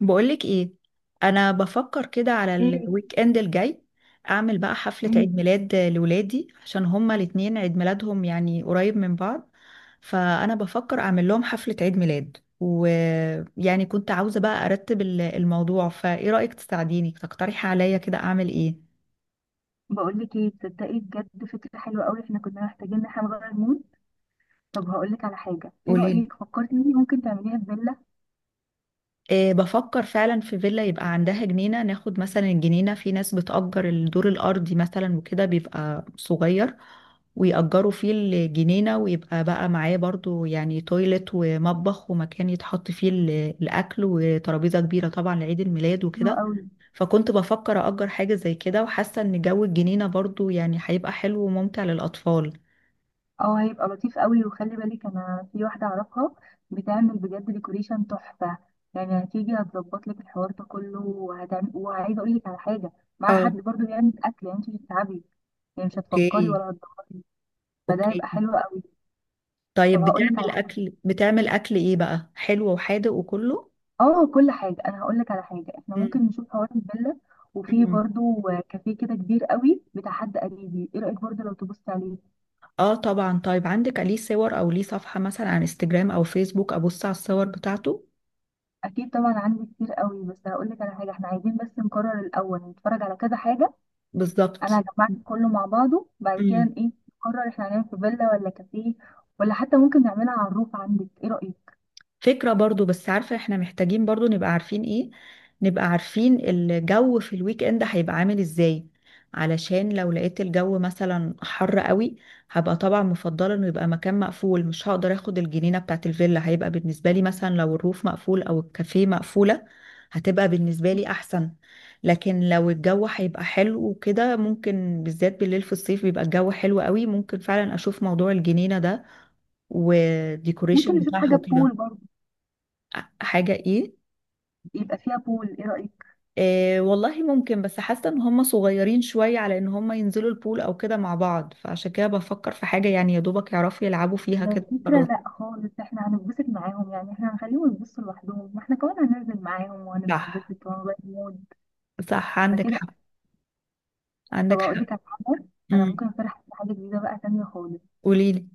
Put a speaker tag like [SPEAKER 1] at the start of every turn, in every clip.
[SPEAKER 1] بقولك ايه؟ انا بفكر كده على
[SPEAKER 2] ايه؟
[SPEAKER 1] الويك اند الجاي اعمل بقى حفلة
[SPEAKER 2] إيه؟
[SPEAKER 1] عيد ميلاد لولادي، عشان هما الاتنين عيد ميلادهم يعني قريب من بعض. فانا بفكر اعمل لهم حفلة عيد ميلاد، ويعني كنت عاوزة بقى ارتب الموضوع. فايه رأيك تساعديني تقترحي عليا كده اعمل ايه؟
[SPEAKER 2] بقول لك ايه، تصدقي بجد فكره حلوه قوي. احنا كنا محتاجين ان احنا نغير مود. طب هقول لك على حاجه، ايه
[SPEAKER 1] قوليلي.
[SPEAKER 2] رايك فكرتي ان ممكن تعمليها في فيلا؟
[SPEAKER 1] إيه، بفكر فعلا في فيلا يبقى عندها جنينة، ناخد مثلا الجنينة. في ناس بتأجر الدور الأرضي مثلا وكده بيبقى صغير، ويأجروا فيه الجنينة، ويبقى بقى معاه برضو يعني تويلت ومطبخ ومكان يتحط فيه الأكل وترابيزة كبيرة طبعا لعيد الميلاد
[SPEAKER 2] حلوه
[SPEAKER 1] وكده.
[SPEAKER 2] قوي.
[SPEAKER 1] فكنت بفكر أجر حاجة زي كده، وحاسة إن جو الجنينة برضو يعني هيبقى حلو وممتع للأطفال.
[SPEAKER 2] اه، هيبقى لطيف قوي. وخلي بالك انا في واحده اعرفها بتعمل بجد ديكوريشن تحفه. يعني هتيجي هتظبط لك الحوار ده كله وهتعمل، وعايزه اقول لك على حاجه، مع حد
[SPEAKER 1] اه.
[SPEAKER 2] برضو بيعمل اكل، يعني انت مش هتتعبي. يعني مش هتفكري
[SPEAKER 1] اوكي.
[SPEAKER 2] ولا هتدوري. فده
[SPEAKER 1] اوكي.
[SPEAKER 2] هيبقى حلو قوي. طب
[SPEAKER 1] طيب،
[SPEAKER 2] هقول لك على
[SPEAKER 1] بتعمل
[SPEAKER 2] حاجه.
[SPEAKER 1] أكل، بتعمل أكل إيه بقى، حلو وحادق وكله؟
[SPEAKER 2] اه كل حاجة، انا هقول لك على حاجة. احنا
[SPEAKER 1] مم.
[SPEAKER 2] ممكن نشوف حوار الفيلا، وفي
[SPEAKER 1] مم.
[SPEAKER 2] برضو كافيه كده كبير قوي بتاع حد قريبي. ايه رأيك برضو لو تبص عليه؟
[SPEAKER 1] اه طبعا. طيب، عندك ليه صور او ليه صفحة مثلا على انستجرام او فيسبوك ابص على الصور بتاعته؟
[SPEAKER 2] اكيد طبعا عندي كتير قوي، بس هقول لك على حاجة، احنا عايزين بس نقرر الاول، نتفرج على كذا حاجة. انا
[SPEAKER 1] بالظبط.
[SPEAKER 2] هجمعك كله مع بعضه بعد
[SPEAKER 1] مم.
[SPEAKER 2] كده، ايه. نقرر احنا هنعمل في فيلا ولا كافيه، ولا حتى ممكن نعملها على الروف. عندك ايه رأيك؟
[SPEAKER 1] فكرة برضو، بس عارفة احنا محتاجين برضو نبقى عارفين ايه، نبقى عارفين الجو في الويك اند هيبقى عامل ازاي. علشان لو لقيت الجو مثلا حر قوي، هبقى طبعا مفضلة انه يبقى مكان مقفول، مش هقدر اخد الجنينة بتاعت الفيلا. هيبقى بالنسبة لي مثلا لو الروف مقفول او الكافيه مقفولة هتبقى بالنسبة لي احسن. لكن لو الجو هيبقى حلو وكده، ممكن بالذات بالليل في الصيف بيبقى الجو حلو قوي، ممكن فعلا اشوف موضوع الجنينة ده
[SPEAKER 2] ممكن
[SPEAKER 1] والديكوريشن
[SPEAKER 2] نشوف
[SPEAKER 1] بتاعها
[SPEAKER 2] حاجة بول
[SPEAKER 1] وكده.
[SPEAKER 2] برضو.
[SPEAKER 1] حاجة ايه؟
[SPEAKER 2] يبقى فيها بول، ايه رأيك؟
[SPEAKER 1] آه والله ممكن، بس حاسة ان هم صغيرين شوية على ان هم ينزلوا البول او كده مع بعض، فعشان كده بفكر في حاجة يعني يا دوبك يعرفوا يلعبوا فيها كده
[SPEAKER 2] الفكرة
[SPEAKER 1] خلاص.
[SPEAKER 2] لا خالص، احنا هنتبسط معاهم. يعني احنا هنخليهم يبصوا لوحدهم، ما احنا كمان هننزل معاهم
[SPEAKER 1] صح.
[SPEAKER 2] وهنتبسط وهنغير مود.
[SPEAKER 1] صح، عندك
[SPEAKER 2] فكده.
[SPEAKER 1] حق،
[SPEAKER 2] طب
[SPEAKER 1] عندك
[SPEAKER 2] اقول
[SPEAKER 1] حق.
[SPEAKER 2] لك على حاجة، انا
[SPEAKER 1] امم.
[SPEAKER 2] ممكن اقترح حاجة جديدة بقى تانية خالص.
[SPEAKER 1] قوليلي.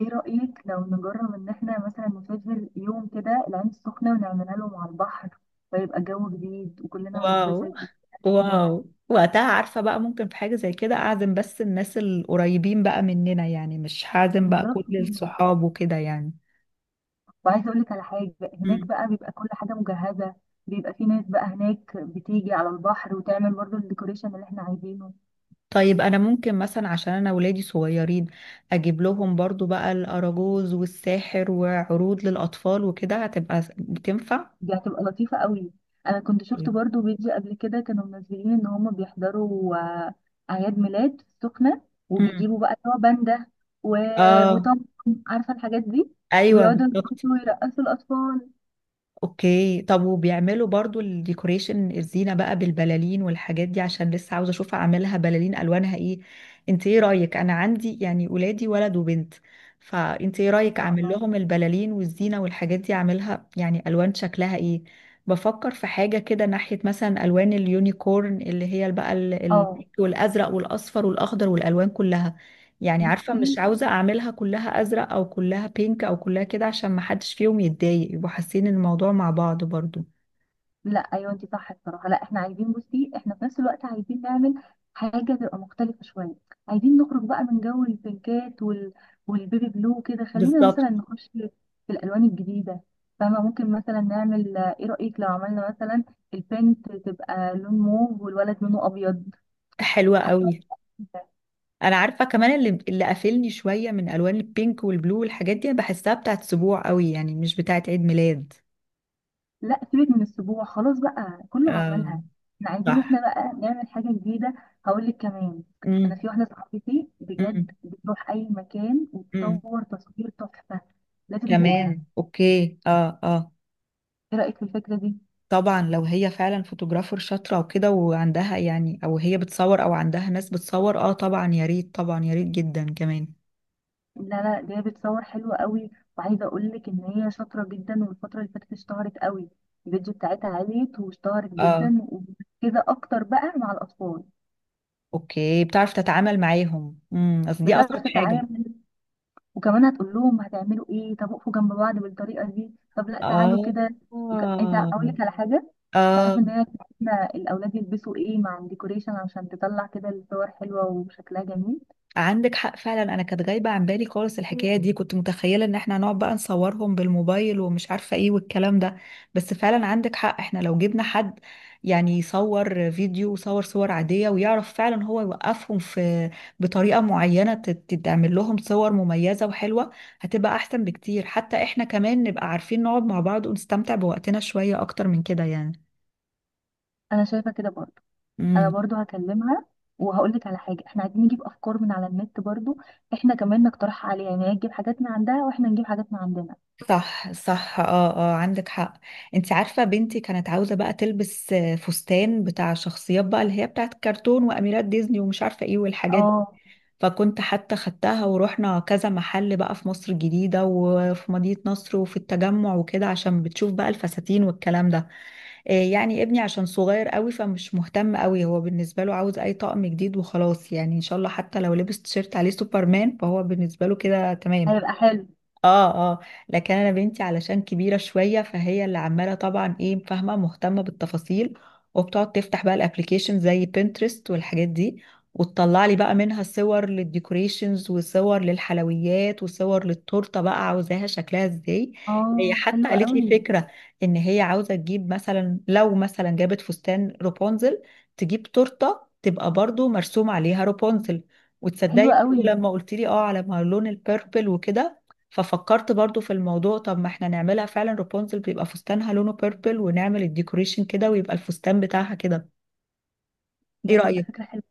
[SPEAKER 2] ايه رأيك لو نجرب ان احنا مثلا نسافر يوم كده العين السخنة ونعملها لهم على البحر؟ فيبقى جو جديد وكلنا
[SPEAKER 1] واو.
[SPEAKER 2] هنتبسط وحياتنا.
[SPEAKER 1] واو، وقتها عارفة بقى ممكن في حاجة زي كده اعزم بس الناس القريبين بقى مننا، يعني مش هعزم بقى كل
[SPEAKER 2] بالظبط كده.
[SPEAKER 1] الصحاب وكده يعني.
[SPEAKER 2] وعايزة اقول لك على حاجة، هناك بقى بيبقى كل حاجة مجهزة. بيبقى في ناس بقى هناك بتيجي على البحر وتعمل برضو الديكوريشن اللي احنا عايزينه.
[SPEAKER 1] طيب، انا ممكن مثلا، عشان انا ولادي صغيرين، اجيب لهم برضو بقى الاراجوز والساحر وعروض للأطفال، وكده هتبقى بتنفع.
[SPEAKER 2] دي هتبقى لطيفة قوي. انا كنت شفت برضو فيديو قبل كده، كانوا منزلين ان هم بيحضروا اعياد ميلاد في السخنة.
[SPEAKER 1] مم.
[SPEAKER 2] وبيجيبوا بقى اللي هو باندا و...
[SPEAKER 1] اه.
[SPEAKER 2] وطم، عارفة الحاجات دي.
[SPEAKER 1] ايوه
[SPEAKER 2] وبيقعدوا
[SPEAKER 1] بالظبط.
[SPEAKER 2] يرقصوا الاطفال.
[SPEAKER 1] اوكي. طب وبيعملوا برضو الديكوريشن، الزينة بقى بالبلالين والحاجات دي، عشان لسه عاوزة اشوف اعملها بلالين الوانها ايه. انت ايه رأيك؟ انا عندي يعني ولادي ولد وبنت، فانت ايه
[SPEAKER 2] ما
[SPEAKER 1] رأيك
[SPEAKER 2] شاء
[SPEAKER 1] اعمل
[SPEAKER 2] الله.
[SPEAKER 1] لهم البلالين والزينة والحاجات دي، اعملها يعني الوان شكلها ايه؟ بفكر في حاجة كده ناحية مثلا الوان اليونيكورن، اللي هي بقى
[SPEAKER 2] اه،
[SPEAKER 1] والازرق والاصفر والاخضر والالوان كلها. يعني عارفة
[SPEAKER 2] بصي،
[SPEAKER 1] مش عاوزة أعملها كلها أزرق أو كلها بينك أو كلها كده، عشان ما حدش فيهم يتضايق، يبقوا حاسين الموضوع مع بعض برضو.
[SPEAKER 2] لا ايوه انت صح الصراحه. لا احنا عايزين، بصي احنا في نفس الوقت عايزين نعمل حاجه تبقى مختلفه شويه. عايزين نخرج بقى من جو البينكات والبيبي بلو. كده خلينا
[SPEAKER 1] بالظبط.
[SPEAKER 2] مثلا نخش في الالوان الجديده، فاهمه؟ ممكن مثلا نعمل، ايه رايك لو عملنا مثلا البنت تبقى لون موف والولد لونه ابيض؟
[SPEAKER 1] حلوة
[SPEAKER 2] حاسه.
[SPEAKER 1] قوي. أنا عارفة كمان اللي قافلني شوية من ألوان البينك والبلو والحاجات دي، أنا بحسها بتاعت سبوع قوي، يعني مش بتاعت عيد ميلاد.
[SPEAKER 2] لا سيبك من السبوع خلاص بقى، كله
[SPEAKER 1] آه.
[SPEAKER 2] عملها. احنا عايزين احنا
[SPEAKER 1] صح.
[SPEAKER 2] بقى نعمل حاجة جديدة. هقول لك كمان، انا
[SPEAKER 1] امم.
[SPEAKER 2] في واحدة صاحبتي بجد
[SPEAKER 1] امم.
[SPEAKER 2] بتروح اي مكان
[SPEAKER 1] امم،
[SPEAKER 2] وتصور تصوير تحفة. لازم نجيبها.
[SPEAKER 1] كمان أوكي، آه، آه.
[SPEAKER 2] ايه رأيك في الفكرة دي؟
[SPEAKER 1] طبعا لو هي فعلا فوتوغرافر شاطرة وكده، وعندها يعني، او هي بتصور او عندها ناس بتصور، اه طبعا يا ريت، طبعا يا ريت جدا كمان.
[SPEAKER 2] لا دي بتصور حلوة قوي. وعايزة اقول لك ان هي شاطرة جدا، والفترة اللي فاتت اشتهرت قوي. الفيديو بتاعتها عالية واشتهرت
[SPEAKER 1] اه.
[SPEAKER 2] جدا وكده، اكتر بقى مع الاطفال.
[SPEAKER 1] اوكي، بتعرف تتعامل معاهم، اصل دي اصعب
[SPEAKER 2] بتعرف
[SPEAKER 1] حاجة.
[SPEAKER 2] تتعامل، وكمان هتقول لهم هتعملوا ايه، طب اقفوا جنب بعض بالطريقه دي، طب لا تعالوا
[SPEAKER 1] اه.
[SPEAKER 2] كده. انت اقول لك على حاجه،
[SPEAKER 1] اه،
[SPEAKER 2] تعرفوا ان هي بتاعتنا الاولاد يلبسوا ايه مع الديكوريشن عشان تطلع كده الصور حلوه وشكلها جميل.
[SPEAKER 1] عندك حق فعلا، انا كانت غايبه عن بالي خالص الحكايه دي، كنت متخيله ان احنا هنقعد بقى نصورهم بالموبايل ومش عارفه ايه والكلام ده. بس فعلا عندك حق، احنا لو جبنا حد يعني يصور فيديو وصور، صور عاديه، ويعرف فعلا هو يوقفهم في بطريقه معينه، تتعمل لهم صور مميزه وحلوه. هتبقى احسن بكتير، حتى احنا كمان نبقى عارفين نقعد مع بعض ونستمتع بوقتنا شويه اكتر من كده يعني.
[SPEAKER 2] انا شايفه كده برضو. انا برضو هكلمها. وهقول لك على حاجه، احنا عايزين نجيب افكار من على النت برضو. احنا كمان نقترح عليها يعني، هي تجيب حاجات من عندها واحنا نجيب حاجات من عندنا.
[SPEAKER 1] صح. صح. اه. اه، عندك حق. انت عارفة بنتي كانت عاوزة بقى تلبس فستان بتاع شخصيات بقى، اللي هي بتاعت كرتون واميرات ديزني ومش عارفة ايه والحاجات دي.
[SPEAKER 2] اه
[SPEAKER 1] فكنت حتى خدتها ورحنا كذا محل بقى في مصر الجديدة وفي مدينة نصر وفي التجمع وكده، عشان بتشوف بقى الفساتين والكلام ده. يعني ابني عشان صغير قوي فمش مهتم قوي، هو بالنسبة له عاوز اي طقم جديد وخلاص، يعني ان شاء الله حتى لو لبس تيشيرت عليه سوبرمان فهو بالنسبة له كده تمام.
[SPEAKER 2] هيبقى حلو.
[SPEAKER 1] اه. اه. لكن انا بنتي علشان كبيره شويه فهي اللي عماله طبعا ايه، فاهمه، مهتمه بالتفاصيل، وبتقعد تفتح بقى الابليكيشن زي بنترست والحاجات دي، وتطلع لي بقى منها صور للديكوريشنز وصور للحلويات وصور للتورته بقى عاوزاها شكلها ازاي. هي
[SPEAKER 2] اه
[SPEAKER 1] حتى
[SPEAKER 2] حلوه
[SPEAKER 1] قالت لي
[SPEAKER 2] قوي.
[SPEAKER 1] فكره، ان هي عاوزه تجيب مثلا، لو مثلا جابت فستان رابونزل تجيب تورته تبقى برضو مرسوم عليها رابونزل. وتصدقي
[SPEAKER 2] حلوه
[SPEAKER 1] برضو
[SPEAKER 2] قوي.
[SPEAKER 1] لما قلت لي اه على ما لون البيربل وكده، ففكرت برضو في الموضوع، طب ما احنا نعملها فعلا رابونزل، بيبقى فستانها لونه بيربل ونعمل الديكوريشن كده ويبقى الفستان بتاعها كده.
[SPEAKER 2] دي
[SPEAKER 1] ايه
[SPEAKER 2] هتبقى
[SPEAKER 1] رأيك؟
[SPEAKER 2] فكره حلوه.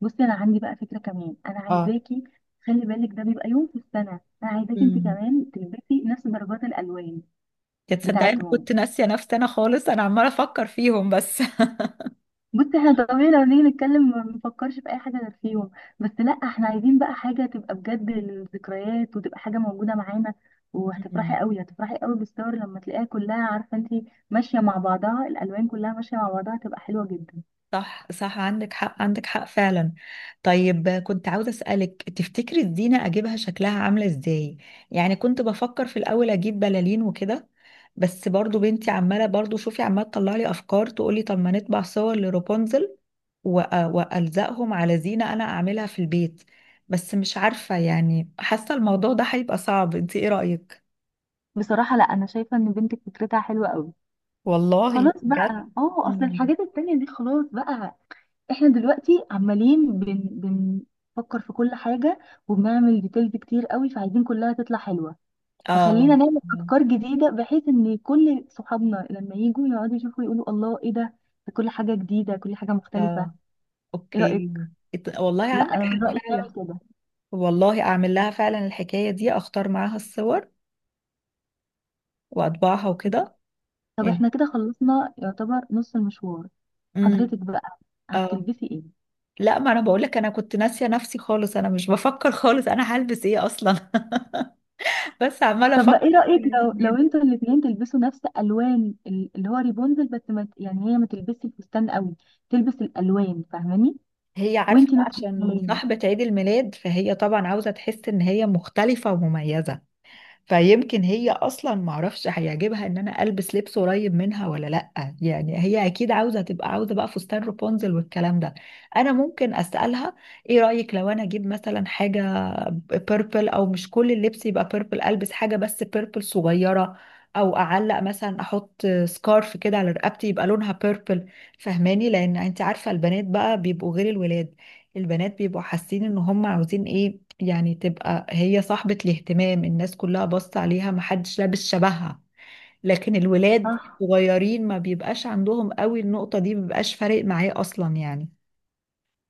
[SPEAKER 2] بصي انا عندي بقى فكره كمان، انا
[SPEAKER 1] اه.
[SPEAKER 2] عايزاكي، خلي بالك ده بيبقى يوم في السنه، انا عايزاكي انت
[SPEAKER 1] امم.
[SPEAKER 2] كمان تلبسي نفس درجات الالوان
[SPEAKER 1] يا تصدقي انا
[SPEAKER 2] بتاعتهم.
[SPEAKER 1] كنت ناسيه نفسي انا خالص، انا عماله افكر فيهم بس.
[SPEAKER 2] بصي احنا طبيعي لو نيجي نتكلم ما بنفكرش في اي حاجه غير فيهم، بس لا احنا عايزين بقى حاجه تبقى بجد للذكريات وتبقى حاجه موجوده معانا.
[SPEAKER 1] مم.
[SPEAKER 2] وهتفرحي قوي، هتفرحي قوي بالصور لما تلاقيها كلها عارفه انت ماشيه مع بعضها، الالوان كلها ماشيه مع بعضها، هتبقى حلوه جدا.
[SPEAKER 1] صح. صح، عندك حق، عندك حق فعلا. طيب، كنت عاوزة أسألك، تفتكري الزينة أجيبها شكلها عاملة إزاي؟ يعني كنت بفكر في الأول أجيب بلالين وكده، بس برضو بنتي عمالة برضو، شوفي، عمالة تطلع لي أفكار، تقولي طب ما نطبع صور لروبونزل وألزقهم على زينة أنا أعملها في البيت. بس مش عارفة يعني، حاسة الموضوع ده هيبقى صعب، انت ايه رأيك؟
[SPEAKER 2] بصراحه لا انا شايفه ان بنتك فكرتها حلوه قوي.
[SPEAKER 1] والله
[SPEAKER 2] خلاص
[SPEAKER 1] بجد؟
[SPEAKER 2] بقى، اه اصل
[SPEAKER 1] مم.
[SPEAKER 2] الحاجات التانية دي خلاص بقى. احنا دلوقتي بنفكر في كل حاجة وبنعمل ديتيلز كتير قوي، فعايزين كلها تطلع حلوة.
[SPEAKER 1] اه.
[SPEAKER 2] فخلينا نعمل افكار جديدة بحيث ان كل صحابنا لما يجوا يقعدوا يشوفوا يقولوا الله ايه ده، ده كل حاجة جديدة كل حاجة مختلفة.
[SPEAKER 1] اه.
[SPEAKER 2] ايه رأيك؟
[SPEAKER 1] اوكي. والله
[SPEAKER 2] لا
[SPEAKER 1] عندك
[SPEAKER 2] انا من
[SPEAKER 1] حق
[SPEAKER 2] رأيي نعمل
[SPEAKER 1] فعلا.
[SPEAKER 2] كده.
[SPEAKER 1] والله اعمل لها فعلا الحكاية دي، اختار معاها الصور واطبعها وكده
[SPEAKER 2] طب
[SPEAKER 1] يعني.
[SPEAKER 2] احنا كده خلصنا يعتبر نص المشوار.
[SPEAKER 1] امم
[SPEAKER 2] حضرتك بقى
[SPEAKER 1] اه.
[SPEAKER 2] هتلبسي ايه؟
[SPEAKER 1] لا، ما انا بقول لك، انا كنت ناسية نفسي خالص، انا مش بفكر خالص انا هلبس ايه اصلا. بس عمالة
[SPEAKER 2] طب
[SPEAKER 1] افكر.
[SPEAKER 2] ما ايه رأيك لو انتوا الاتنين تلبسوا نفس الوان اللي هو ريبونزل، بس ما ت- يعني هي ما تلبسش الفستان قوي، تلبس الالوان، فاهماني؟
[SPEAKER 1] هي عارفة
[SPEAKER 2] وانتي
[SPEAKER 1] بقى
[SPEAKER 2] نفس
[SPEAKER 1] عشان
[SPEAKER 2] الكلام.
[SPEAKER 1] صاحبة عيد الميلاد فهي طبعا عاوزة تحس ان هي مختلفة ومميزة، فيمكن هي اصلا معرفش هيعجبها ان انا البس لبس قريب منها ولا لأ، يعني هي اكيد عاوزة بقى فستان رابونزل والكلام ده. انا ممكن اسألها. ايه رأيك لو انا اجيب مثلا حاجة بيربل، او مش كل اللبس يبقى بيربل، البس حاجة بس بيربل صغيرة، او اعلق مثلا احط سكارف كده على رقبتي يبقى لونها بيربل. فهماني؟ لان انت عارفة البنات بقى بيبقوا غير الولاد، البنات بيبقوا حاسين ان هم عاوزين ايه، يعني تبقى هي صاحبة الاهتمام، الناس كلها باصة عليها محدش لابس شبهها. لكن الولاد
[SPEAKER 2] صح.
[SPEAKER 1] صغيرين ما بيبقاش عندهم قوي النقطة دي، مبيبقاش فارق معاه اصلا يعني.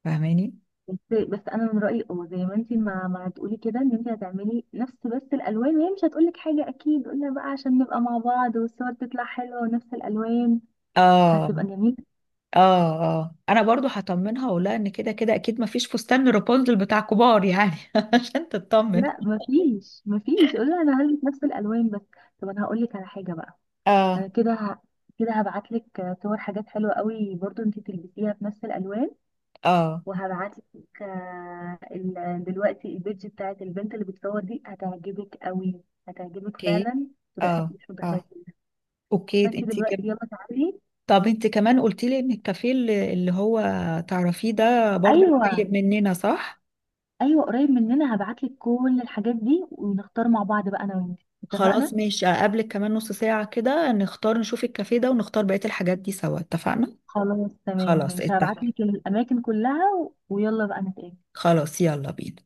[SPEAKER 1] فاهماني؟
[SPEAKER 2] بس انا من رايي، اه زي ما انتي ما تقولي كده، ان انتي هتعملي نفس بس الالوان، وهي مش هتقولك حاجه اكيد. قلنا بقى عشان نبقى مع بعض والصور تطلع حلوه ونفس الالوان،
[SPEAKER 1] اه.
[SPEAKER 2] فهتبقى جميله.
[SPEAKER 1] اه. اه، انا برضو هطمنها واقولها ان كده كده اكيد ما فيش فستان رابنزل بتاع كبار يعني، عشان تطمن.
[SPEAKER 2] لا مفيش، مفيش. قولي انا هلبس نفس الالوان بس. طب انا هقولك على حاجه بقى، انا
[SPEAKER 1] اه.
[SPEAKER 2] كده هبعتلك صور حاجات حلوه قوي برضو انتي تلبسيها في نفس الالوان.
[SPEAKER 1] اه.
[SPEAKER 2] وهبعت لك دلوقتي البيج بتاعت البنت اللي بتصور دي هتعجبك قوي، هتعجبك
[SPEAKER 1] اوكي.
[SPEAKER 2] فعلا. لا انت
[SPEAKER 1] اه.
[SPEAKER 2] مش
[SPEAKER 1] اه.
[SPEAKER 2] متخيله.
[SPEAKER 1] اوكي،
[SPEAKER 2] فانت
[SPEAKER 1] انت كده.
[SPEAKER 2] دلوقتي يلا تعالي.
[SPEAKER 1] طب انت كمان قلت لي ان الكافيه اللي هو تعرفيه ده برضو قريب
[SPEAKER 2] ايوه.
[SPEAKER 1] مننا صح؟
[SPEAKER 2] ايوه قريب مننا، هبعتلك كل الحاجات دي ونختار مع بعض بقى انا وانت،
[SPEAKER 1] خلاص
[SPEAKER 2] اتفقنا؟
[SPEAKER 1] ماشي، اقابلك كمان نص ساعة كده، نختار نشوف الكافيه ده ونختار بقية الحاجات دي سوا، اتفقنا؟
[SPEAKER 2] خلاص تمام
[SPEAKER 1] خلاص
[SPEAKER 2] ماشي،
[SPEAKER 1] اتفق.
[SPEAKER 2] هبعتلك الاماكن كلها، ويلا بقى نتقابل.
[SPEAKER 1] خلاص يلا بينا.